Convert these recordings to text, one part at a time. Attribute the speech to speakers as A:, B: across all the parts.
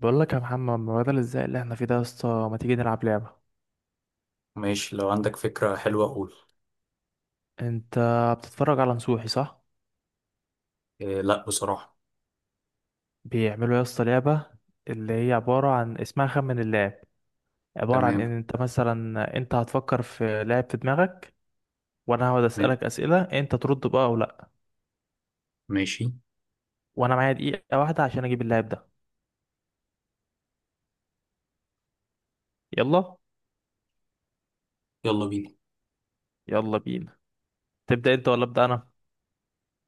A: بقول لك يا محمد، ما بدل ازاي اللي احنا فيه ده يا اسطى، ما تيجي نلعب لعبة؟
B: ماشي، لو عندك فكرة حلوة قول.
A: انت بتتفرج على نصوحي، صح؟
B: إيه لا بصراحة.
A: بيعملوا يا اسطى لعبة اللي هي عبارة عن، اسمها خمن اللاعب. عبارة عن ان
B: تمام.
A: انت مثلا انت هتفكر في لاعب في دماغك، وانا هقعد
B: م-
A: اسألك اسئلة، انت ترد بقى او لا.
B: ماشي.
A: وانا معايا 1 دقيقة عشان اجيب اللاعب ده. يلا.
B: يلا بينا.
A: يلا بينا. تبدأ انت ولا ابدأ انا؟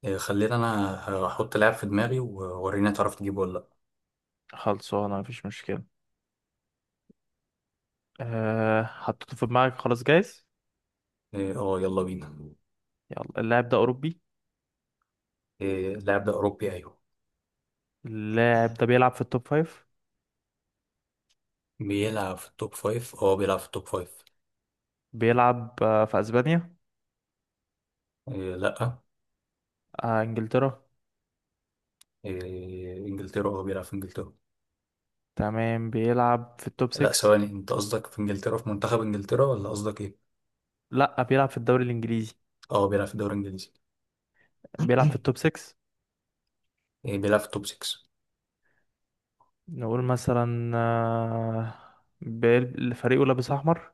B: إيه خلينا أنا، هحط لاعب في دماغي ووريني تعرف تجيبه ولا لأ.
A: خلصانة، مفيش مشكلة. أه، حطيته في دماغك؟ خلاص، جايز.
B: إيه، اه يلا بينا.
A: يلا، اللاعب ده اوروبي؟
B: إيه اللاعب ده أوروبي أيوه.
A: اللاعب ده بيلعب في التوب فايف؟
B: بيلعب في التوب فايف اه بيلعب في التوب فايف.
A: بيلعب في اسبانيا؟
B: إيه لأ.
A: انجلترا؟
B: إيه إنجلترا اه بيلعب في إنجلترا.
A: تمام، بيلعب في التوب
B: لأ
A: 6؟
B: ثواني، أنت قصدك في إنجلترا في منتخب إنجلترا ولا قصدك إيه؟
A: لا، بيلعب في الدوري الانجليزي.
B: اه بيلعب في الدوري الإنجليزي.
A: بيلعب في التوب 6.
B: إيه بيلعب في التوب 6.
A: نقول مثلا، فريقه لابس احمر؟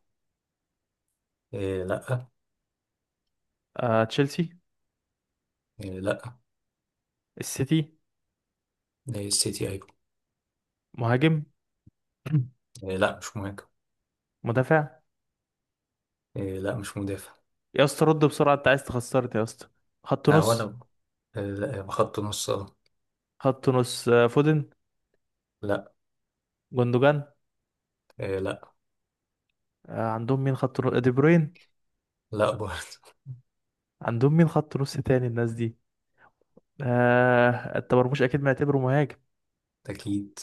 B: إيه لأ.
A: تشيلسي؟
B: إيه لأ.
A: السيتي؟
B: إيه السيتي أيوه.
A: مهاجم؟
B: إيه لا مش مهاجم.
A: مدافع؟
B: إيه لا مش مدافع.
A: يا اسطى رد بسرعه، انت عايز تخسرني يا اسطى. خط
B: آه هو
A: نص؟
B: انا. آه لا بخط نص اه.
A: خط نص فودن؟
B: لا.
A: جوندوجان؟
B: إيه لا.
A: عندهم مين خط نص، دي بروين؟
B: لا برضه.
A: عندهم مين خط نص تاني الناس دي؟ آه، التمرمش اكيد معتبره مهاجم.
B: اكيد.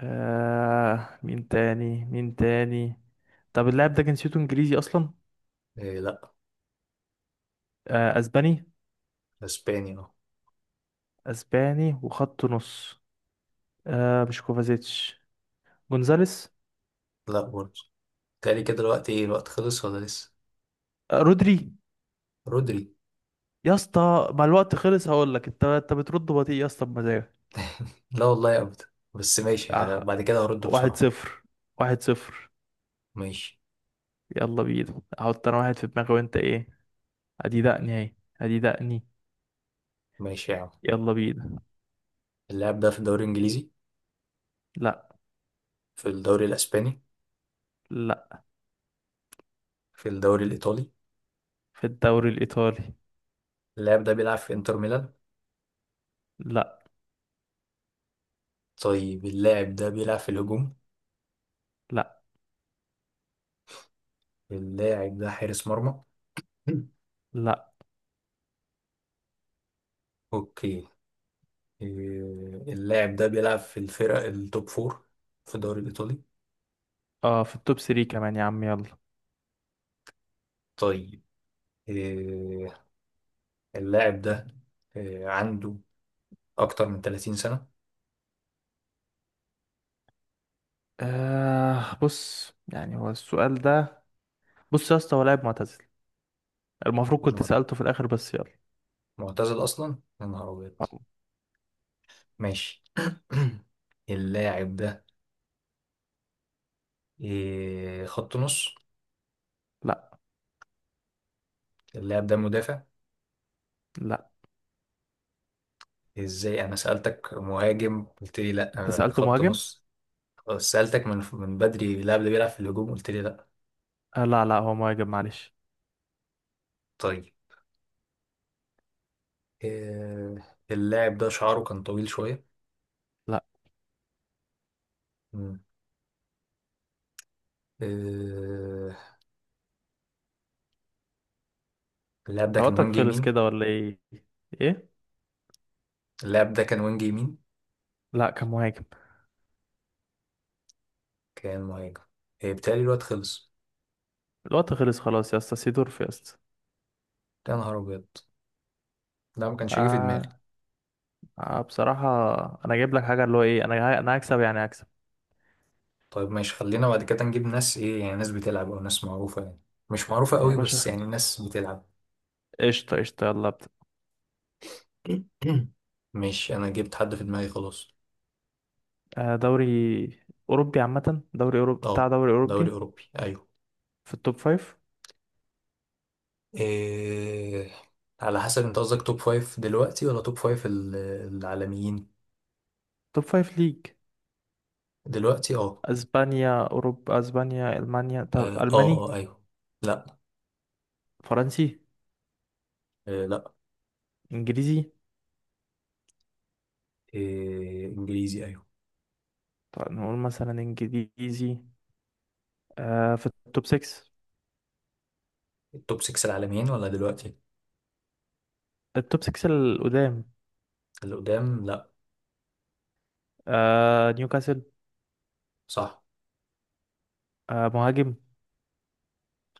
A: آه، مين تاني مين تاني؟ طب اللاعب ده جنسيته انجليزي اصلا؟
B: إيه لا.
A: آه، اسباني؟
B: اسباني اه.
A: اسباني وخط نص. مش كوفازيتش؟ جونزاليس؟
B: لا برضه. تالي كده الوقت، ايه الوقت خلص ولا لسه؟
A: آه، رودري؟
B: رودري.
A: يا اسطى مع الوقت خلص، هقول لك انت بترد بطيء يا اسطى بمزاجك.
B: لا والله ابدا. بس ماشي،
A: آه.
B: بعد كده هرد
A: واحد
B: بسرعة.
A: صفر 1-0.
B: ماشي.
A: يلا بينا، احط انا واحد في دماغي وانت ايه. ادي دقني اهي. ادي دقني.
B: ماشي يا عم.
A: يلا بينا.
B: اللاعب ده في الدوري الانجليزي؟
A: لا.
B: في الدوري الاسباني؟
A: لا.
B: في الدوري الايطالي؟
A: في الدوري الايطالي.
B: اللاعب ده بيلعب في انتر ميلان؟
A: لا.
B: طيب، اللاعب ده بيلعب في الهجوم؟
A: لا.
B: اللاعب ده حارس مرمى؟
A: لا.
B: اوكي. إيه، اللاعب ده بيلعب في الفرق التوب فور في الدوري الإيطالي.
A: اه، في التوب 3 كمان يا عم، يلا.
B: طيب، إيه، اللاعب ده إيه، عنده أكتر من 30 سنة.
A: بص يعني، هو السؤال ده، بص يا اسطى، هو لاعب معتزل. المفروض كنت
B: معت-
A: سألته في الآخر بس يلا.
B: معتزل أصلا؟ يا نهار أبيض. ماشي. اللاعب ده إيه، خط نص؟
A: لا.
B: اللاعب ده مدافع؟
A: لا.
B: إزاي أنا سألتك مهاجم قلت لي
A: انت
B: لأ
A: سألته
B: خط
A: مهاجم.
B: نص؟ سألتك من بدري اللاعب ده بيلعب في الهجوم قلت لي لأ.
A: لا، لا، هو مهاجم، معلش.
B: طيب إيه، اللاعب ده شعره كان طويل شوية؟
A: لا.
B: آه، اللاعب ده
A: انت
B: كان
A: وقتك
B: وينج
A: خلص
B: يمين.
A: كده ولا ايه؟ ايه؟
B: اللاعب ده كان وينج يمين؟
A: لا، كان مهاجم.
B: كان مهاجم. إيه، بيتهيألي الوقت خلص.
A: الوقت خلص، خلاص يا اسطى، سيدورف يا اسطى.
B: يا نهار أبيض، ده ما كانش هيجي في دماغي.
A: آه, بصراحة، انا جايب لك حاجة اللي هو ايه، انا، انا هكسب، يعني هكسب.
B: طيب ماشي، خلينا بعد كده نجيب ناس إيه يعني، ناس بتلعب أو ناس معروفة يعني، مش معروفة
A: يا
B: قوي بس
A: باشا،
B: يعني ناس بتلعب.
A: قشطة قشطة، يلا ابدأ.
B: ماشي أنا جبت حد في دماغي خلاص.
A: آه، دوري أوروبي عامة، دوري أوروبي، بتاع
B: أه
A: دوري
B: دوري
A: أوروبي.
B: أوروبي أيوه.
A: في التوب فايف.
B: إيه على حسب، أنت قصدك توب فايف دلوقتي ولا توب فايف العالميين؟
A: توب فايف ليج.
B: دلوقتي أه.
A: اسبانيا، اوروبا، اسبانيا، المانيا، طب
B: أه أه
A: الماني؟
B: آه، أيوه. لأ.
A: فرنسي؟
B: إيه، لأ.
A: انجليزي؟
B: إيه انجليزي ايوه.
A: طب نقول مثلا انجليزي. آه، في التوب 6؟
B: التوب 6 العالميين ولا دلوقتي؟
A: التوب 6 القدام.
B: اللي قدام لا.
A: آه، نيوكاسل.
B: صح.
A: آه، مهاجم.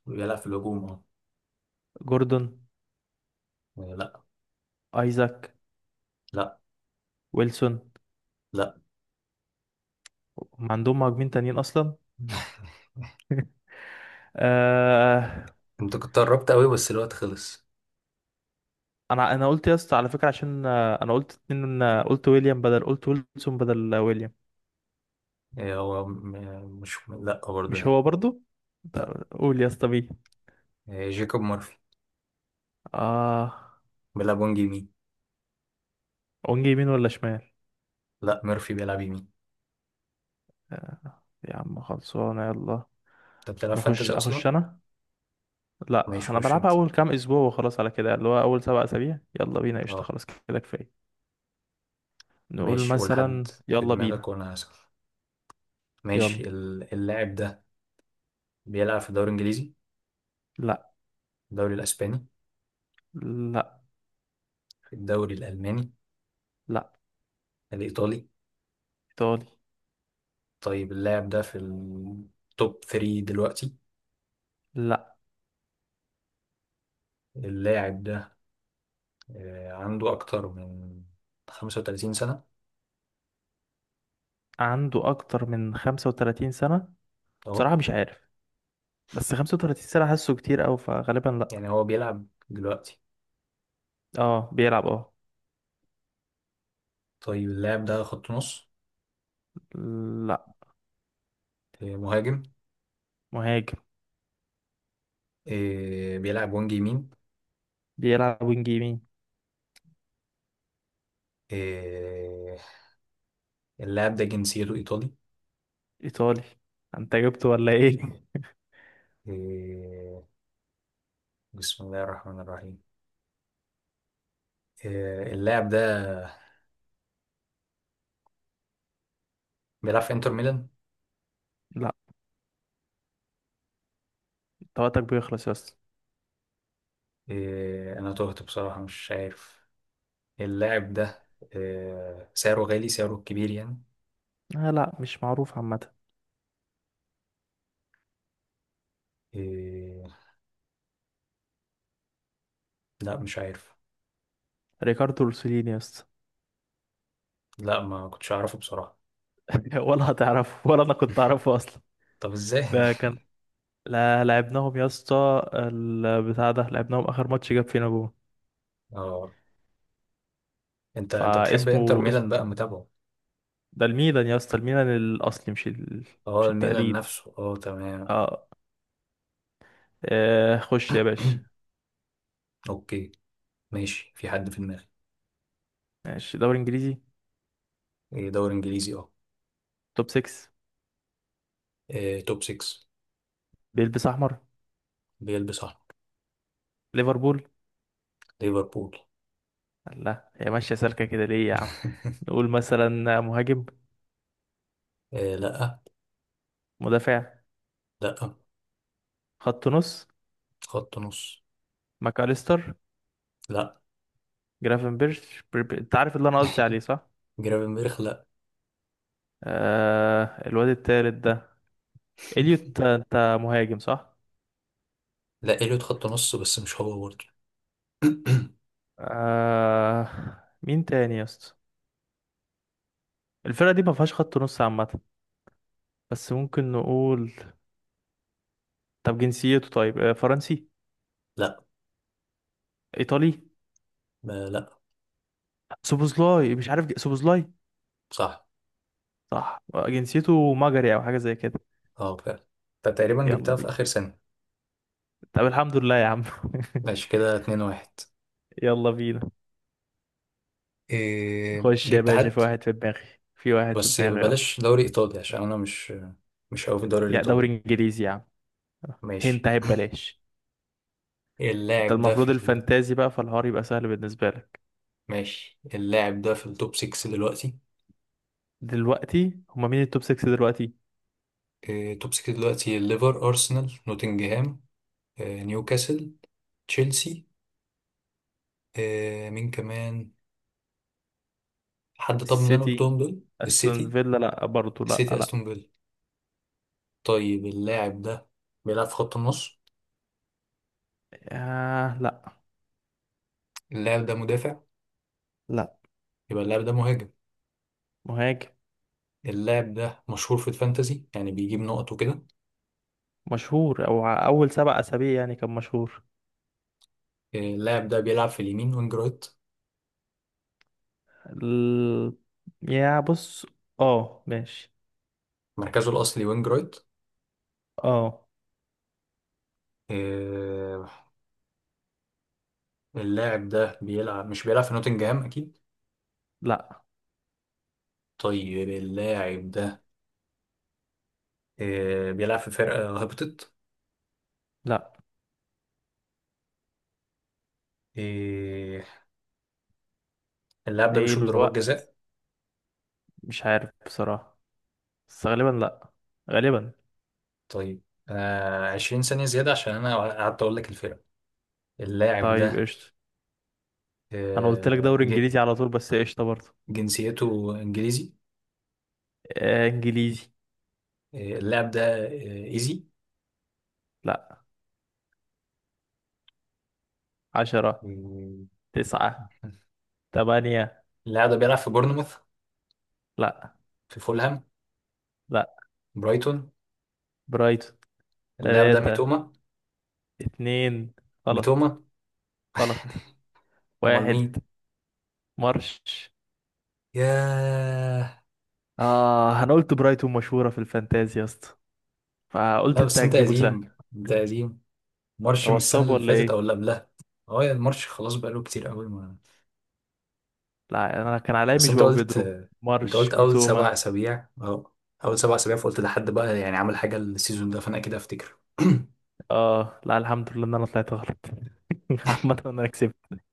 B: بيلعب في الهجوم اه.
A: جوردون؟
B: آه، لا.
A: ايزاك؟
B: لا.
A: ويلسون؟
B: لا.
A: هم عندهم مهاجمين تانيين اصلا؟ آه.
B: انت كنت قربت قوي بس الوقت خلص.
A: انا قلت يا اسطى على فكره، عشان انا قلت اتنين، قلت ويليام بدل، قلت ويلسون بدل ويليام.
B: إيه هو مش، لا برضه
A: مش
B: يعني.
A: هو برضو.
B: لا.
A: قول يا اسطى مين.
B: إيه جيكوب مورفي.
A: اه.
B: بيلعب وينج يمين.
A: ونجي يمين ولا شمال؟
B: لا ميرفي بيلعب يمين.
A: آه، يا عم خلصانة، يلا.
B: انت بتلعب فانتزي
A: اخش
B: اصلا؟
A: انا.
B: ماشي
A: لا، انا
B: خش
A: بلعبها
B: انت.
A: اول كام اسبوع وخلاص، على كده اللي هو اول 7 اسابيع. يلا بينا، قشطة،
B: اه
A: خلاص كده كفاية. نقول
B: ماشي، قول حد
A: مثلا،
B: في
A: يلا
B: دماغك
A: بينا.
B: وانا هسأل. ماشي،
A: يلا.
B: اللاعب ده بيلعب في الدوري الانجليزي؟
A: لا.
B: الدوري الاسباني؟
A: لا.
B: الدوري الالماني؟
A: لا.
B: الايطالي؟
A: ايطالي.
B: طيب اللاعب ده في التوب 3 دلوقتي؟
A: لا.
B: اللاعب ده آه، عنده أكتر من 35 سنة؟
A: عنده اكتر من 35 سنة.
B: أهو.
A: بصراحة مش عارف، بس 35 سنة حاسه كتير اوي، فغالبا لا.
B: يعني هو بيلعب دلوقتي؟
A: اه، بيلعب اه.
B: طيب اللاعب ده خط نص؟
A: لا.
B: آه، مهاجم؟
A: مهاجم.
B: آه، بيلعب وينج يمين؟
A: بيلعب وينج يمين.
B: آه، اللاعب ده جنسيته إيطالي؟
A: ايطالي. انت جبته ولا ايه؟
B: آه، بسم الله الرحمن الرحيم. آه، اللاعب ده بيلعب في إنتر ميلان؟
A: لا. طاقتك بيخلص يا اسطى.
B: آه، أنا تهت بصراحة مش عارف. اللاعب ده آه، سعره غالي، سعره كبير يعني.
A: آه، لا، مش معروف عامة.
B: إيه... لا مش عارف.
A: ريكاردو روسيليني يا اسطى.
B: لا ما كنتش اعرفه بصراحة.
A: ولا هتعرفه، ولا انا كنت اعرفه اصلا.
B: طب ازاي؟
A: ده كان لا، لعبناهم يا اسطى، البتاع ده لعبناهم اخر ماتش، جاب فينا جون.
B: اه انت بتحب انتر
A: فاسمه،
B: ميلان
A: اسمه
B: بقى متابعه.
A: ده الميلان يا اسطى، الميلان الاصلي،
B: اه
A: مش
B: الميلان
A: التقليد.
B: نفسه اه تمام.
A: اه. آه، خش يا باشا.
B: اوكي. ماشي في حد في دماغي.
A: ماشي، دوري انجليزي.
B: إيه دوري انجليزي اه.
A: توب 6.
B: إيه توب 6.
A: بيلبس احمر.
B: بيلبس احمر.
A: ليفربول.
B: ليفربول.
A: لا، هي ماشيه سالكه كده ليه يا عم؟ نقول مثلا مهاجم؟
B: إيه لا.
A: مدافع؟
B: لا
A: خط نص؟
B: خط نص.
A: ماكاليستر؟
B: لا.
A: انت عارف اللي انا قصدي عليه صح؟
B: جرافنبرخ لا.
A: الواد التالت ده. اليوت، انت مهاجم صح؟
B: لا اليوت خط نص بس مش هو برضه.
A: آه... مين تاني يا اسطى؟ الفرقه دي ما فيهاش خط نص عامه. بس ممكن نقول، طب جنسيته، طيب فرنسي؟
B: لا.
A: ايطالي؟
B: لا لا،
A: سوبوزلاي مش عارف، سوبوزلاي.
B: صح.
A: صح. آه، جنسيته مجري او حاجه زي كده.
B: اه فعلا. انت تقريبا
A: يلا
B: جبتها في
A: بينا.
B: اخر سنة.
A: طب الحمد لله يا عم.
B: ماشي كده 2-1.
A: يلا بينا.
B: إيه
A: خش يا
B: جبت
A: باشا، في
B: حد؟
A: واحد في دماغي. في واحد في
B: بس
A: دماغي، اه.
B: بلاش دوري ايطالي عشان انا مش قوي في الدوري
A: يا
B: الايطالي.
A: دوري انجليزي يا عم. هنت
B: ماشي
A: اهي ببلاش. ده
B: اللاعب ده في
A: المفروض
B: ال...
A: الفانتازي بقى، فالحوار يبقى سهل بالنسبة لك.
B: ماشي اللاعب ده في التوب 6 دلوقتي؟
A: دلوقتي هما مين التوب 6 دلوقتي؟
B: إيه توب 6 دلوقتي، الليفر، ارسنال، نوتنجهام، إيه نيوكاسل، تشيلسي، إيه مين كمان، حد طب من اللي انا
A: السيتي،
B: قلتهم دول؟
A: استون
B: السيتي.
A: فيلا، لا برضه، لا،
B: السيتي،
A: لا.
B: استون فيلا. طيب اللاعب ده بيلعب في خط النص؟
A: آه، لا.
B: اللاعب ده مدافع؟
A: لا.
B: يبقى اللاعب ده مهاجم.
A: مهاجم.
B: اللاعب ده مشهور في الفانتازي يعني بيجيب نقط وكده؟
A: مشهور، او اول 7 اسابيع يعني كان مشهور.
B: إيه، اللاعب ده بيلعب في اليمين وينج رايت؟
A: ال... يا بص، اه ماشي.
B: مركزه الأصلي وينج رايت.
A: اه.
B: آه، اللاعب ده بيلعب مش بيلعب في نوتنجهام أكيد.
A: لا.
B: طيب اللاعب ده آه، بيلعب في فرقة هبطت؟
A: لا.
B: آه، اللاعب ده
A: ايه
B: بيشوط ضربات
A: الوقت؟
B: جزاء؟
A: مش عارف بصراحة، بس غالبا لا. غالبا.
B: طيب آه، 20 ثانية زيادة عشان أنا قعدت أقول لك الفرقة. اللاعب
A: طيب
B: ده
A: قشطة. انا قلت لك
B: آه،
A: دوري انجليزي على طول، بس قشطة برضه.
B: جنسيته إنجليزي؟
A: آه، انجليزي.
B: آه، اللاعب ده آه، إيزي؟
A: لا. 10.
B: آه،
A: تسعة. تمانية.
B: اللاعب ده بيلعب في بورنموث؟
A: لا.
B: في فولهام؟
A: لا.
B: برايتون؟
A: برايتون.
B: اللاعب ده
A: تلاتة.
B: ميتوما؟
A: اتنين. غلط.
B: ميتوما؟
A: غلط.
B: امال
A: واحد.
B: مين؟
A: مارش.
B: ياه.
A: اه، انا قلت برايتون مشهورة في الفانتازي يا اسطى، فقلت
B: لا
A: انت
B: بس انت
A: هتجيبه سهل.
B: قديم، انت قديم. مارش من
A: هو
B: السنه
A: اتصاب
B: اللي
A: ولا
B: فاتت
A: ايه؟
B: او اللي قبلها. اه يا المارش خلاص، بقاله كتير قوي ما.
A: لا، انا كان عليا
B: بس
A: مش
B: انت
A: باو
B: قلت
A: بيدرو.
B: انت قلت
A: مارش،
B: اول سبع
A: ميتوما.
B: اسابيع اه. اول 7 اسابيع فقلت ده حد بقى يعني عمل حاجه السيزون ده فانا كده افتكر.
A: اه، لا، الحمد لله ان انا طلعت غلط. عامة انا كسبت.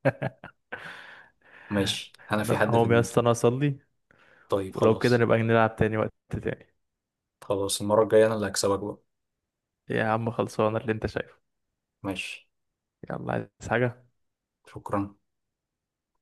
B: ماشي انا في
A: لا،
B: حد في
A: هو يا
B: دماغي.
A: اسطى انا اصلي.
B: طيب
A: ولو كده
B: خلاص.
A: نبقى نلعب تاني وقت تاني.
B: خلاص المره الجايه انا اللي هكسبك بقى.
A: يا عم خلصانة اللي انت شايفه.
B: ماشي.
A: يلا، عايز حاجة؟
B: شكرا.